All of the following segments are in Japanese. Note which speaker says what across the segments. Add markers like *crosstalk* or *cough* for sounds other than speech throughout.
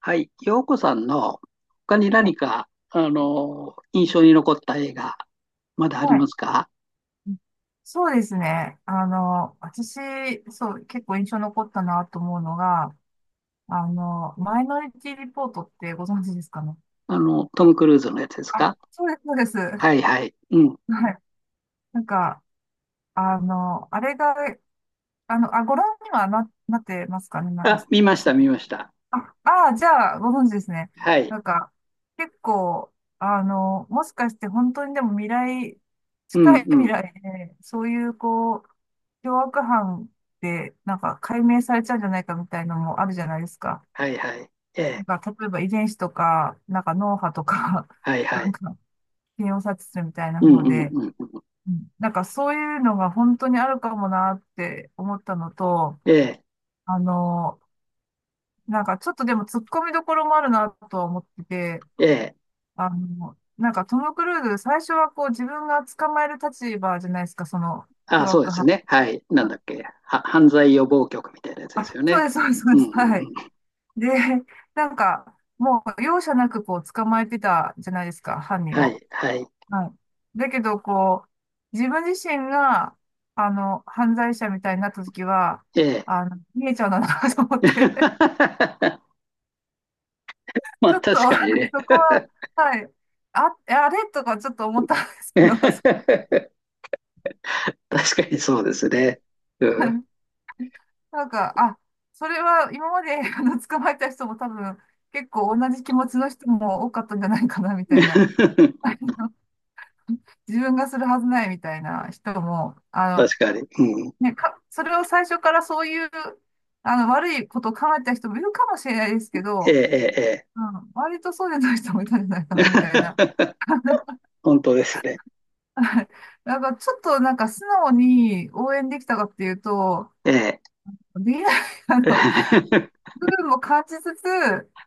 Speaker 1: はい、洋子さんの他に
Speaker 2: は
Speaker 1: 何
Speaker 2: い。
Speaker 1: か、印象に残った映画、まだあ
Speaker 2: は
Speaker 1: りま
Speaker 2: い、
Speaker 1: すか？
Speaker 2: そうですね。私、そう、結構印象残ったなと思うのが、マイノリティリポートってご存知ですかね。
Speaker 1: ト
Speaker 2: あ、
Speaker 1: ム・クルーズのやつです
Speaker 2: あ
Speaker 1: か？
Speaker 2: そうです、そうです。*laughs*
Speaker 1: は
Speaker 2: は
Speaker 1: いはい。うん。
Speaker 2: い。なんか、あれが、あ、ご覧にはなってますかね。なんか、
Speaker 1: あ、見ました、
Speaker 2: そ
Speaker 1: 見ました。
Speaker 2: あ、あーじゃあ、ご存知ですね。
Speaker 1: はい。
Speaker 2: なんか、結構、もしかして本当にでも
Speaker 1: う
Speaker 2: 近
Speaker 1: ん
Speaker 2: い
Speaker 1: う
Speaker 2: 未
Speaker 1: ん。
Speaker 2: 来で、そういう、こう、凶悪犯ってなんか解明されちゃうんじゃないかみたいのもあるじゃないですか。
Speaker 1: はいはい。ええ、
Speaker 2: なんか、例えば遺伝子とか、なんか脳波とか、
Speaker 1: はい
Speaker 2: *laughs*
Speaker 1: は
Speaker 2: なん
Speaker 1: い。
Speaker 2: か、検を察知するみたいな
Speaker 1: うん
Speaker 2: 方
Speaker 1: うん
Speaker 2: で、
Speaker 1: うん。
Speaker 2: うん、なんかそういうのが本当にあるかもなって思ったのと、
Speaker 1: ええ、
Speaker 2: あの、なんかちょっとでも突っ込みどころもあるなとは思ってて、
Speaker 1: ええ。
Speaker 2: なんかトム・クルーズ、最初はこう自分が捕まえる立場じゃないですか、その
Speaker 1: あ、
Speaker 2: 凶
Speaker 1: そうで
Speaker 2: 悪
Speaker 1: す
Speaker 2: 犯。
Speaker 1: ね。はい。なん
Speaker 2: あ、
Speaker 1: だっけ。犯罪予防局みたいなやつです
Speaker 2: あ
Speaker 1: よ
Speaker 2: そう
Speaker 1: ね。
Speaker 2: です、そうです、そう
Speaker 1: うん
Speaker 2: で
Speaker 1: うん
Speaker 2: す。
Speaker 1: う
Speaker 2: はい。
Speaker 1: ん。
Speaker 2: で、なんか、もう容赦なくこう捕まえてたじゃないですか、犯人
Speaker 1: は
Speaker 2: を。
Speaker 1: い、はい。
Speaker 2: はい。だけど、こう、自分自身が、犯罪者みたいになった時は、
Speaker 1: ええ。
Speaker 2: 見えちゃうんだなと思って、
Speaker 1: *laughs*
Speaker 2: *laughs*
Speaker 1: まあ、
Speaker 2: ちょっと、
Speaker 1: 確
Speaker 2: なん
Speaker 1: か
Speaker 2: か
Speaker 1: にね。
Speaker 2: そこは、はい。あ、あれとかちょっと思ったんですけど、そこ
Speaker 1: *laughs* 確かにそうですね。うん。
Speaker 2: なんか、あ、それは今まで *laughs* あの捕まえた人も多分結構同じ気持ちの人も多かったんじゃないかなみたいな、
Speaker 1: *laughs*
Speaker 2: 自分がするはずないみたいな人も、
Speaker 1: 確かに。うん。
Speaker 2: ね、それを最初からそういう、悪いことを考えた人もいるかもしれないですけ
Speaker 1: え
Speaker 2: ど、
Speaker 1: え、え
Speaker 2: うん、割とそうじゃない人もいたんじゃないか
Speaker 1: え、ええ。
Speaker 2: なみたいな。
Speaker 1: *laughs* 本当ですね。
Speaker 2: *laughs* はい。なんかちょっとなんか素直に応援できたかっていうと、
Speaker 1: ええ。
Speaker 2: できない、あの、
Speaker 1: *laughs*
Speaker 2: 部分も感じつつ、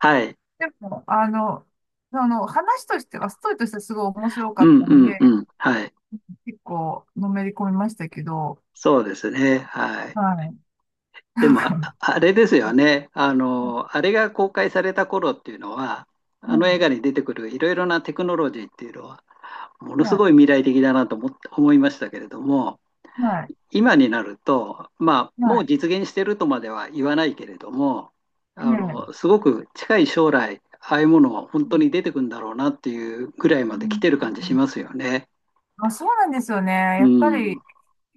Speaker 1: はい。
Speaker 2: でも、その話としては、ストーリーとしてはすごい面白か
Speaker 1: う
Speaker 2: っ
Speaker 1: ん、
Speaker 2: たん
Speaker 1: うん、う
Speaker 2: で、
Speaker 1: ん。はい。
Speaker 2: 結構のめり込みましたけど、
Speaker 1: そうですね。はい。
Speaker 2: はい。
Speaker 1: で
Speaker 2: なん
Speaker 1: も、あ
Speaker 2: か、
Speaker 1: あれですよね。あ
Speaker 2: うん、
Speaker 1: の、あれが公開された頃っていうのは、
Speaker 2: う
Speaker 1: あの映
Speaker 2: ん、
Speaker 1: 画に出てくるいろいろなテクノロジーっていうのは、ものす
Speaker 2: はい、
Speaker 1: ごい未来的だなと思って、思いましたけれども、
Speaker 2: はい、
Speaker 1: 今になると、まあ、もう
Speaker 2: は
Speaker 1: 実現してるとまでは言わないけれども、
Speaker 2: い、
Speaker 1: あ
Speaker 2: ねえ。
Speaker 1: の、すごく近い将来、ああいうものは本
Speaker 2: う
Speaker 1: 当
Speaker 2: ん、
Speaker 1: に出てくるんだろうなっていうぐらい
Speaker 2: う
Speaker 1: まで来てる感じし
Speaker 2: ん、
Speaker 1: ますよね。
Speaker 2: あ、そうなんですよね。
Speaker 1: う
Speaker 2: やっぱ
Speaker 1: ん。
Speaker 2: り、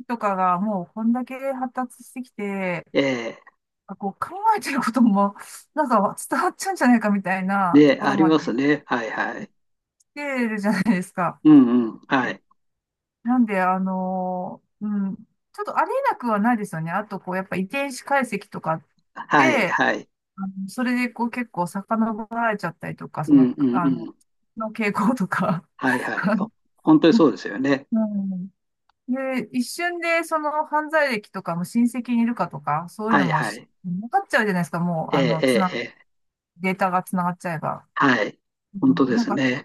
Speaker 2: とかがもうこんだけ発達してきて、
Speaker 1: ええ。
Speaker 2: あ、こう考えてることも、なんか伝わっちゃうんじゃないかみたいなと
Speaker 1: で、
Speaker 2: こ
Speaker 1: あ
Speaker 2: ろ
Speaker 1: り
Speaker 2: まで
Speaker 1: ます
Speaker 2: 来
Speaker 1: ね。はいはい。
Speaker 2: てるじゃないですか。
Speaker 1: うんうん。はい。
Speaker 2: なんで、うん、ちょっとありえなくはないですよね。あと、こう、やっぱ遺伝子解析とか
Speaker 1: はい
Speaker 2: で、
Speaker 1: はい。
Speaker 2: それで、こう、結構遡られちゃったりとか、
Speaker 1: う
Speaker 2: そ
Speaker 1: ん
Speaker 2: の、
Speaker 1: うんうん。
Speaker 2: の傾向とか。
Speaker 1: はいはい。
Speaker 2: *laughs*
Speaker 1: 本当にそうですよね。
Speaker 2: うん。で、一瞬で、その犯罪歴とかも親戚にいるかとか、そういう
Speaker 1: は
Speaker 2: の
Speaker 1: い
Speaker 2: も
Speaker 1: は
Speaker 2: し
Speaker 1: い。
Speaker 2: 分かっちゃうじゃないですか。もう、
Speaker 1: ええええ。ええ
Speaker 2: データがつながっちゃえば。
Speaker 1: はい。
Speaker 2: う
Speaker 1: 本当
Speaker 2: ん、
Speaker 1: で
Speaker 2: なん
Speaker 1: す
Speaker 2: か、
Speaker 1: ね。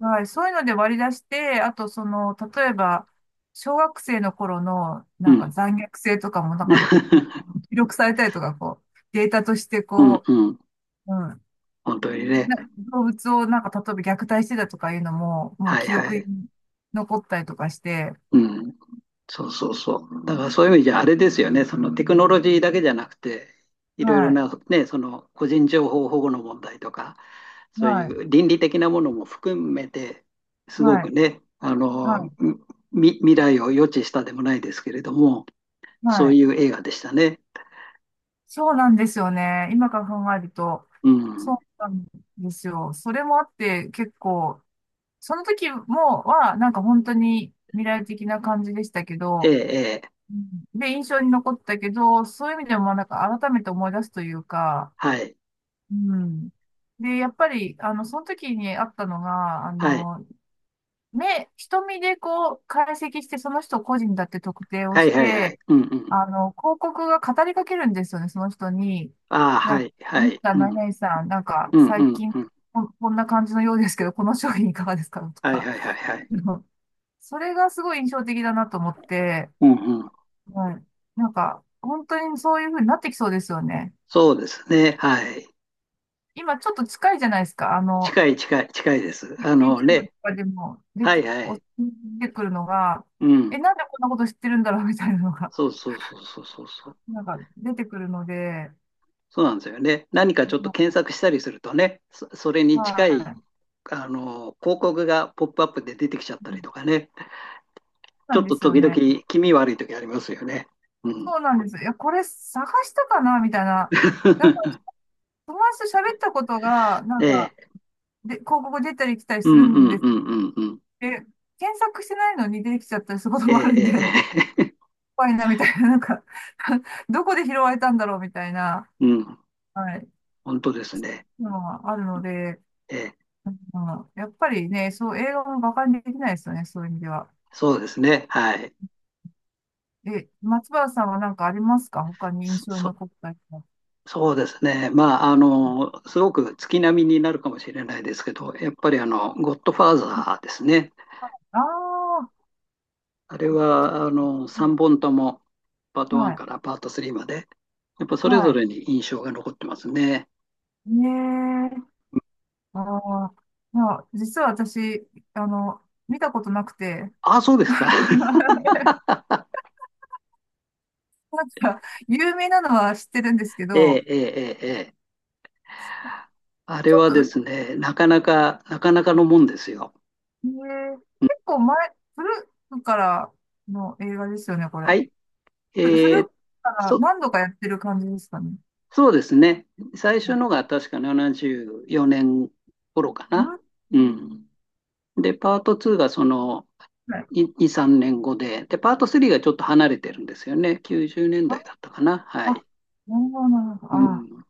Speaker 2: はい、そういうので割り出して、あとその、例えば、小学生の頃の、
Speaker 1: う
Speaker 2: なんか
Speaker 1: ん。
Speaker 2: 残虐性とかも、なんか
Speaker 1: *laughs*
Speaker 2: 記録されたりとか、こう、データとして
Speaker 1: うん
Speaker 2: こ
Speaker 1: うん。
Speaker 2: う、うん、
Speaker 1: 本当にね。
Speaker 2: 動物をなんか、例えば虐待してたとかいうのも、もう
Speaker 1: はい
Speaker 2: 記
Speaker 1: は
Speaker 2: 録に
Speaker 1: い。
Speaker 2: 残ったりとかして、
Speaker 1: うん。そうそうそう。だからそういう意味じゃあれですよね。そのテクノロジーだけじゃなくて、いろい
Speaker 2: は
Speaker 1: ろ
Speaker 2: い、
Speaker 1: な、ね、その個人情報保護の問題とか、そうい
Speaker 2: はい、
Speaker 1: う倫理的なものも含めて、すご
Speaker 2: は
Speaker 1: く
Speaker 2: い、
Speaker 1: ね、あ
Speaker 2: は
Speaker 1: の、
Speaker 2: い、
Speaker 1: 未来を予知したでもないですけれども、そ
Speaker 2: は
Speaker 1: う
Speaker 2: い。
Speaker 1: いう映画でしたね。
Speaker 2: そうなんですよね。今から考えると、
Speaker 1: う
Speaker 2: そ
Speaker 1: ん。
Speaker 2: うなんですよ。それもあって、結構、その時も、なんか本当に未来的な感じでしたけ
Speaker 1: ええ、
Speaker 2: ど、
Speaker 1: ええ、
Speaker 2: うん。で、印象に残ったけど、そういう意味でもなんか改めて思い出すというか、
Speaker 1: はい、
Speaker 2: うん。で、やっぱり、その時にあったのが、
Speaker 1: はい、
Speaker 2: 瞳でこう、解析して、その人個人だって特定を
Speaker 1: はい、
Speaker 2: し
Speaker 1: はい、は
Speaker 2: て、
Speaker 1: い。うん、うん。
Speaker 2: 広告が語りかけるんですよね、その人に。
Speaker 1: ああ、
Speaker 2: な
Speaker 1: は
Speaker 2: んか、
Speaker 1: い、は
Speaker 2: ミス
Speaker 1: い。
Speaker 2: ター
Speaker 1: う
Speaker 2: 何
Speaker 1: ん、
Speaker 2: 々さん、なんか、
Speaker 1: うん、
Speaker 2: 最
Speaker 1: うん、
Speaker 2: 近、
Speaker 1: うん。
Speaker 2: こんな感じのようですけど、この商品いかがですかと
Speaker 1: はい、
Speaker 2: か。
Speaker 1: はい、はい、はい。
Speaker 2: あのそれがすごい印象的だなと思って、
Speaker 1: うん、うん。
Speaker 2: はい。なんか、本当にそういう風になってきそうですよね。
Speaker 1: そうですね。はい。
Speaker 2: 今ちょっと近いじゃないですか。
Speaker 1: 近い近い近いです。あの
Speaker 2: YouTube と
Speaker 1: ね、
Speaker 2: かでも
Speaker 1: はいはい。
Speaker 2: 出てくるのが、
Speaker 1: うん。
Speaker 2: え、なんでこんなこと知ってるんだろう *laughs* みたいなのが、
Speaker 1: そうそうそうそうそうそう。
Speaker 2: なんか出てくるので、
Speaker 1: そうなんですよね。何かちょっと検索したりするとね、それに近い、
Speaker 2: はい。
Speaker 1: あの、広告がポップアップで出てきちゃったりとかね。
Speaker 2: そ
Speaker 1: ち
Speaker 2: うな
Speaker 1: ょ
Speaker 2: ん
Speaker 1: っ
Speaker 2: で
Speaker 1: と
Speaker 2: すよ
Speaker 1: 時々
Speaker 2: ね。
Speaker 1: 気味悪い時ありますよね。うん。
Speaker 2: そうなんです。いや、これ探したかなみたいな。なんか、
Speaker 1: *laughs*
Speaker 2: 友達と喋ったことが、なん
Speaker 1: え
Speaker 2: か、
Speaker 1: え。
Speaker 2: で、広告出たり来たり
Speaker 1: う
Speaker 2: す
Speaker 1: ん
Speaker 2: る
Speaker 1: う
Speaker 2: ん
Speaker 1: ん
Speaker 2: です。
Speaker 1: うんうんうん。
Speaker 2: え、検索してないのに出てきちゃったりすること
Speaker 1: ええ、
Speaker 2: もある
Speaker 1: え
Speaker 2: んで、*laughs*
Speaker 1: え、ええ
Speaker 2: 怖いなみたいな、なんか *laughs* どこで拾われたんだろうみたいな、
Speaker 1: *laughs* うん。
Speaker 2: はい、
Speaker 1: 本当ですね。
Speaker 2: のはあるので、
Speaker 1: ええ。
Speaker 2: まあ、やっぱりね、そう、映画も馬鹿にできないですよね、そういう意味では。
Speaker 1: そうですね。はい。
Speaker 2: え、松原さんは何かありますか、他に印象に
Speaker 1: そ、
Speaker 2: 残ったりは。
Speaker 1: そうですね。まあ、あの、すごく月並みになるかもしれないですけど、やっぱりあの、ゴッドファーザーですね。
Speaker 2: ああ、
Speaker 1: あれは、あの、
Speaker 2: う
Speaker 1: 3
Speaker 2: ん、
Speaker 1: 本とも、パート
Speaker 2: は
Speaker 1: 1
Speaker 2: い、
Speaker 1: からパート3まで、やっぱそれぞ
Speaker 2: はい。
Speaker 1: れに印象が残ってますね。
Speaker 2: ねえ、ああ、まあ、実は私、あの、見たことなくて、
Speaker 1: ああ、そうですか。*laughs*
Speaker 2: *laughs* なんか、有名なのは知ってるんですけ
Speaker 1: ええ、
Speaker 2: ど、
Speaker 1: ええ、ええ、ええあれ
Speaker 2: ちょっ
Speaker 1: はです
Speaker 2: と、
Speaker 1: ね、なかなかのもんですよ。
Speaker 2: 結構前、古くからの映画ですよね、これ。
Speaker 1: はい。え
Speaker 2: 古
Speaker 1: ー、
Speaker 2: くから
Speaker 1: そ、
Speaker 2: 何度かやってる感じですかね。
Speaker 1: そうですね。最初のが確か74年頃か
Speaker 2: う
Speaker 1: な。
Speaker 2: ん、
Speaker 1: うん。で、パート2がその
Speaker 2: はい。
Speaker 1: 2、3年後で、パート3がちょっと離れてるんですよね。90年
Speaker 2: あ、
Speaker 1: 代だいだったかな。は
Speaker 2: あ、
Speaker 1: い。
Speaker 2: なるほど、なるほど。
Speaker 1: う
Speaker 2: あ、
Speaker 1: ん。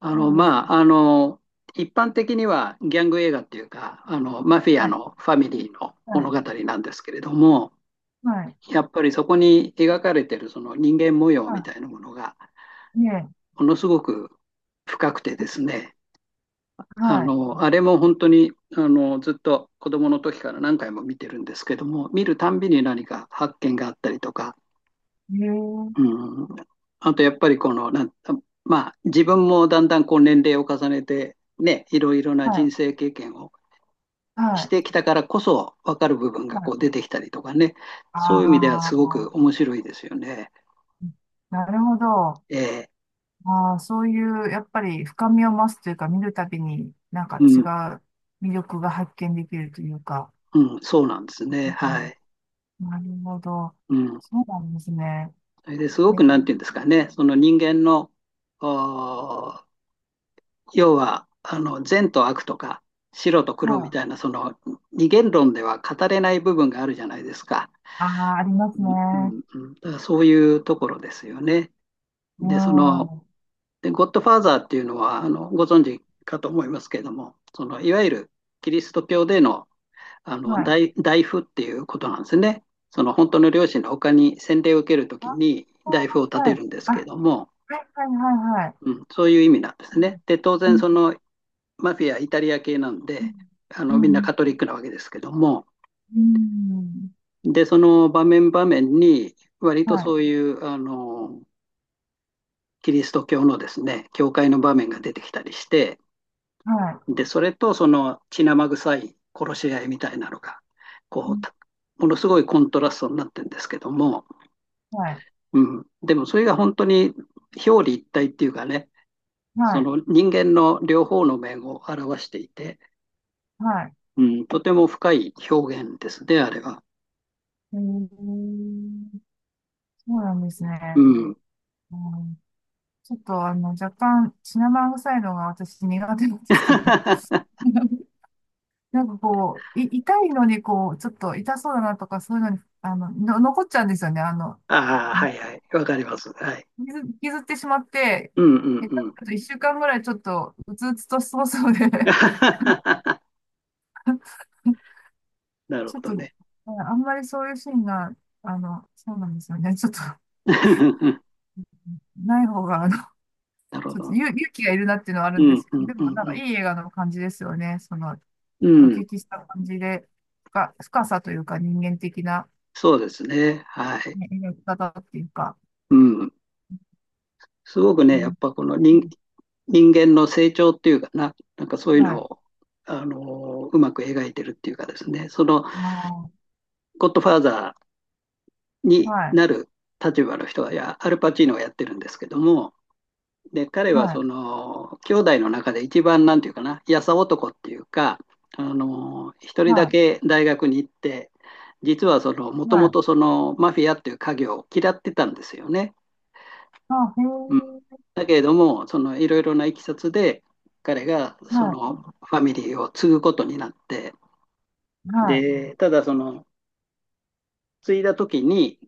Speaker 1: あの、
Speaker 2: そうで
Speaker 1: まあ、
Speaker 2: す。
Speaker 1: あの、一般的にはギャング映画っていうか、あの、マフィア
Speaker 2: はい、
Speaker 1: のファミリーの
Speaker 2: は
Speaker 1: 物
Speaker 2: い、
Speaker 1: 語なんですけれども、
Speaker 2: はい、
Speaker 1: やっぱりそこに描かれてるその人間模様み
Speaker 2: は
Speaker 1: たいなものが、
Speaker 2: い、ねえ、
Speaker 1: ものすごく深くてですね、あ
Speaker 2: は
Speaker 1: の、あれも本当に、あの、ずっと子供の時から何回も見てるんですけども、見るたんびに何か発見があったりとか、
Speaker 2: い、ねええ、
Speaker 1: うん、あとやっぱりこの、まあ、自分もだんだんこう年齢を重ねて、ね、いろいろな
Speaker 2: はい、
Speaker 1: 人生経験を
Speaker 2: は
Speaker 1: し
Speaker 2: い、
Speaker 1: てきたからこそ分かる部分が
Speaker 2: は
Speaker 1: こ
Speaker 2: い。
Speaker 1: う出てきたりとかね、そういう意味では
Speaker 2: あ
Speaker 1: すごく
Speaker 2: あ、
Speaker 1: 面白いですよね。
Speaker 2: なるほど。
Speaker 1: え
Speaker 2: ああ、そういう、やっぱり深みを増すというか、見るたびになんか
Speaker 1: う
Speaker 2: 違
Speaker 1: ん、
Speaker 2: う魅力が発見できるというか。
Speaker 1: うん、そうなんですね。
Speaker 2: う
Speaker 1: は
Speaker 2: ん、
Speaker 1: い。
Speaker 2: なるほど。
Speaker 1: うん。
Speaker 2: そうなんですね。
Speaker 1: それです
Speaker 2: え
Speaker 1: ご
Speaker 2: ー、
Speaker 1: く、なんていうんですかね、その人間の、あー要はあの善と悪とか白と黒み
Speaker 2: は
Speaker 1: た
Speaker 2: い。
Speaker 1: いなその二元論では語れない部分があるじゃないですか。
Speaker 2: ああ、あります
Speaker 1: う
Speaker 2: ね。
Speaker 1: んうんだからそういうところですよね。
Speaker 2: うん。
Speaker 1: で、その
Speaker 2: は
Speaker 1: ゴッドファーザーっていうのはあのご存知かと思いますけれども、そのいわゆるキリスト教でのあの
Speaker 2: い。
Speaker 1: 大夫っていうことなんですね。その本当の両親の他に洗礼を受けるとき
Speaker 2: あ、
Speaker 1: に大夫を立
Speaker 2: は
Speaker 1: て
Speaker 2: い。
Speaker 1: るんです
Speaker 2: あ、は
Speaker 1: け
Speaker 2: い、
Speaker 1: ども、
Speaker 2: はい、はい、は
Speaker 1: う
Speaker 2: い。
Speaker 1: ん、そういう意味なんです
Speaker 2: う
Speaker 1: ね。
Speaker 2: ん、
Speaker 1: で、当
Speaker 2: う
Speaker 1: 然
Speaker 2: ん、
Speaker 1: そのマフィア、イタリア系なんで、あの
Speaker 2: う
Speaker 1: みんな
Speaker 2: ん、
Speaker 1: カトリックなわけですけども、
Speaker 2: うん、うん、
Speaker 1: で、その場面場面に、割
Speaker 2: は
Speaker 1: と
Speaker 2: い、
Speaker 1: そういうあのキリスト教のですね、教会の場面が出てきたりして、
Speaker 2: は
Speaker 1: で、それとその血生臭い殺し合いみたいなのが、
Speaker 2: い、う
Speaker 1: こ
Speaker 2: ん、
Speaker 1: う、ものすごいコントラストになってるんですけども、
Speaker 2: はい、
Speaker 1: うん、でもそれが本当に表裏一体っていうかね、
Speaker 2: は
Speaker 1: そ
Speaker 2: い、
Speaker 1: の人間の両方の面を表していて、
Speaker 2: はい。
Speaker 1: うん、とても深い表現ですね、あれは。
Speaker 2: えー、そうなんです
Speaker 1: う
Speaker 2: ね。
Speaker 1: ん
Speaker 2: うん、ちょっと若干、シナモン臭いのが私苦手なんで
Speaker 1: *laughs*
Speaker 2: すけど。
Speaker 1: あ
Speaker 2: *laughs* なんかこう、痛いのにこう、ちょっと痛そうだなとか、そういうのに、残っちゃうんですよね。
Speaker 1: あ、は
Speaker 2: な
Speaker 1: いはい。わかります。はい。
Speaker 2: 傷、傷ってしまって、
Speaker 1: うんうん
Speaker 2: 下手
Speaker 1: うん。
Speaker 2: すると1週間ぐらいちょっと、うつうつとしそうそうで、*laughs*
Speaker 1: *laughs* なる
Speaker 2: ち
Speaker 1: ほ
Speaker 2: ょっ
Speaker 1: ど
Speaker 2: と、
Speaker 1: ね。
Speaker 2: あんまりそういうシーンが、そうなんですよね。ちょっと、
Speaker 1: *laughs*
Speaker 2: ない方が、
Speaker 1: なるほ
Speaker 2: ちょっと
Speaker 1: ど。
Speaker 2: 勇気がいるなっていうのはある
Speaker 1: う
Speaker 2: んです
Speaker 1: んう
Speaker 2: けど、
Speaker 1: ん
Speaker 2: で
Speaker 1: う
Speaker 2: もなんかい
Speaker 1: ん
Speaker 2: い映画の感じですよね。その、
Speaker 1: う
Speaker 2: お
Speaker 1: ん。うん。
Speaker 2: 聞きした感じで、深さというか人間的な、
Speaker 1: そうですね。はい。
Speaker 2: ね、描き方っていうか、
Speaker 1: うん。すごく
Speaker 2: う
Speaker 1: ね、やっ
Speaker 2: ん、
Speaker 1: ぱこの
Speaker 2: うん、
Speaker 1: 人、人間の成長っていうかな、なんかそういう
Speaker 2: は
Speaker 1: の
Speaker 2: い、
Speaker 1: を、うまく描いてるっていうかですね、その、
Speaker 2: ま
Speaker 1: ゴッドファーザー
Speaker 2: あ、
Speaker 1: に
Speaker 2: はい、
Speaker 1: なる立場の人は、いや、アルパチーノがやってるんですけども、で、彼は
Speaker 2: はい、
Speaker 1: その、兄弟の中で一番なんていうかな、やさ男っていうか、あの、一人だ
Speaker 2: は
Speaker 1: け大学に行って、実はその、も
Speaker 2: い、
Speaker 1: と
Speaker 2: は
Speaker 1: も
Speaker 2: い、
Speaker 1: とその、マフィアっていう家業を嫌ってたんですよね。
Speaker 2: あ、へ
Speaker 1: うん、
Speaker 2: え、
Speaker 1: だけれども、その、いろいろないきさつで、彼がそ
Speaker 2: は
Speaker 1: の、ファミリーを継ぐことになって、
Speaker 2: い、はい、
Speaker 1: で、ただその、継いだ時に、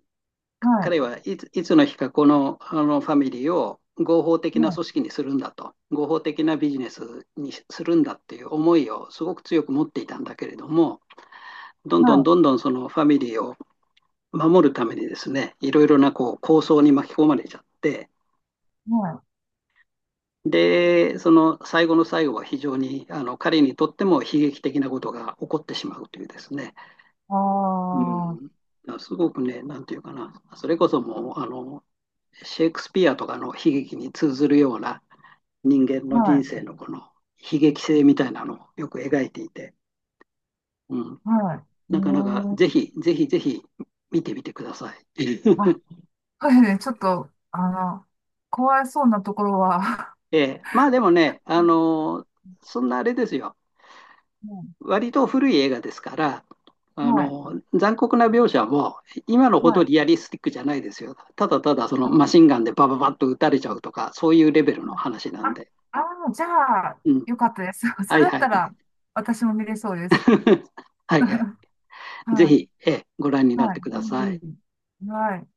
Speaker 2: はい、
Speaker 1: 彼はいつの日かこの、あのファミリーを合法的な
Speaker 2: はい、
Speaker 1: 組織にするんだと、合法的なビジネスにするんだっていう思いをすごく強く持っていたんだけれども、どんどんど
Speaker 2: は
Speaker 1: んどんそのファミリーを守るためにですね、いろいろなこう構想に巻き込まれちゃって、
Speaker 2: い、はい、
Speaker 1: で、その最後の最後は非常にあの彼にとっても悲劇的なことが起こってしまうというですね、
Speaker 2: あ
Speaker 1: う
Speaker 2: あ、は
Speaker 1: ん、すごくね、なんていうかな、それこそもうあのシェイクスピアとかの悲劇に通ずるような人間の人
Speaker 2: い、
Speaker 1: 生のこの悲劇性みたいなのをよく描いていて、うん、
Speaker 2: はい、へ
Speaker 1: なかなかぜ
Speaker 2: え、
Speaker 1: ひぜひぜひ見てみてください。
Speaker 2: あ、
Speaker 1: *laughs*
Speaker 2: はい、ね、ちょっと、怖いそうなところは、*laughs* は
Speaker 1: ええ、*laughs* まあでもね、そんなあれですよ。
Speaker 2: い、
Speaker 1: 割と古い映画ですから、あ
Speaker 2: はい、
Speaker 1: の残酷な描写も今の
Speaker 2: は
Speaker 1: ほど
Speaker 2: い、
Speaker 1: リアリスティックじゃないですよ。ただただその
Speaker 2: は
Speaker 1: マシンガンでバババッと撃たれち
Speaker 2: い、
Speaker 1: ゃうとか、そういうレベルの
Speaker 2: はい、
Speaker 1: 話なん
Speaker 2: あ、
Speaker 1: で。
Speaker 2: あじゃあ、
Speaker 1: うん。
Speaker 2: よかったです。*laughs* そ
Speaker 1: は
Speaker 2: れ
Speaker 1: い
Speaker 2: だっ
Speaker 1: は
Speaker 2: た
Speaker 1: い。
Speaker 2: ら、私も見れそうです。
Speaker 1: *laughs* はいはい。
Speaker 2: *laughs*
Speaker 1: ぜ
Speaker 2: はい。
Speaker 1: ひ、ご覧になっ
Speaker 2: は
Speaker 1: てください。
Speaker 2: い。うん、はい。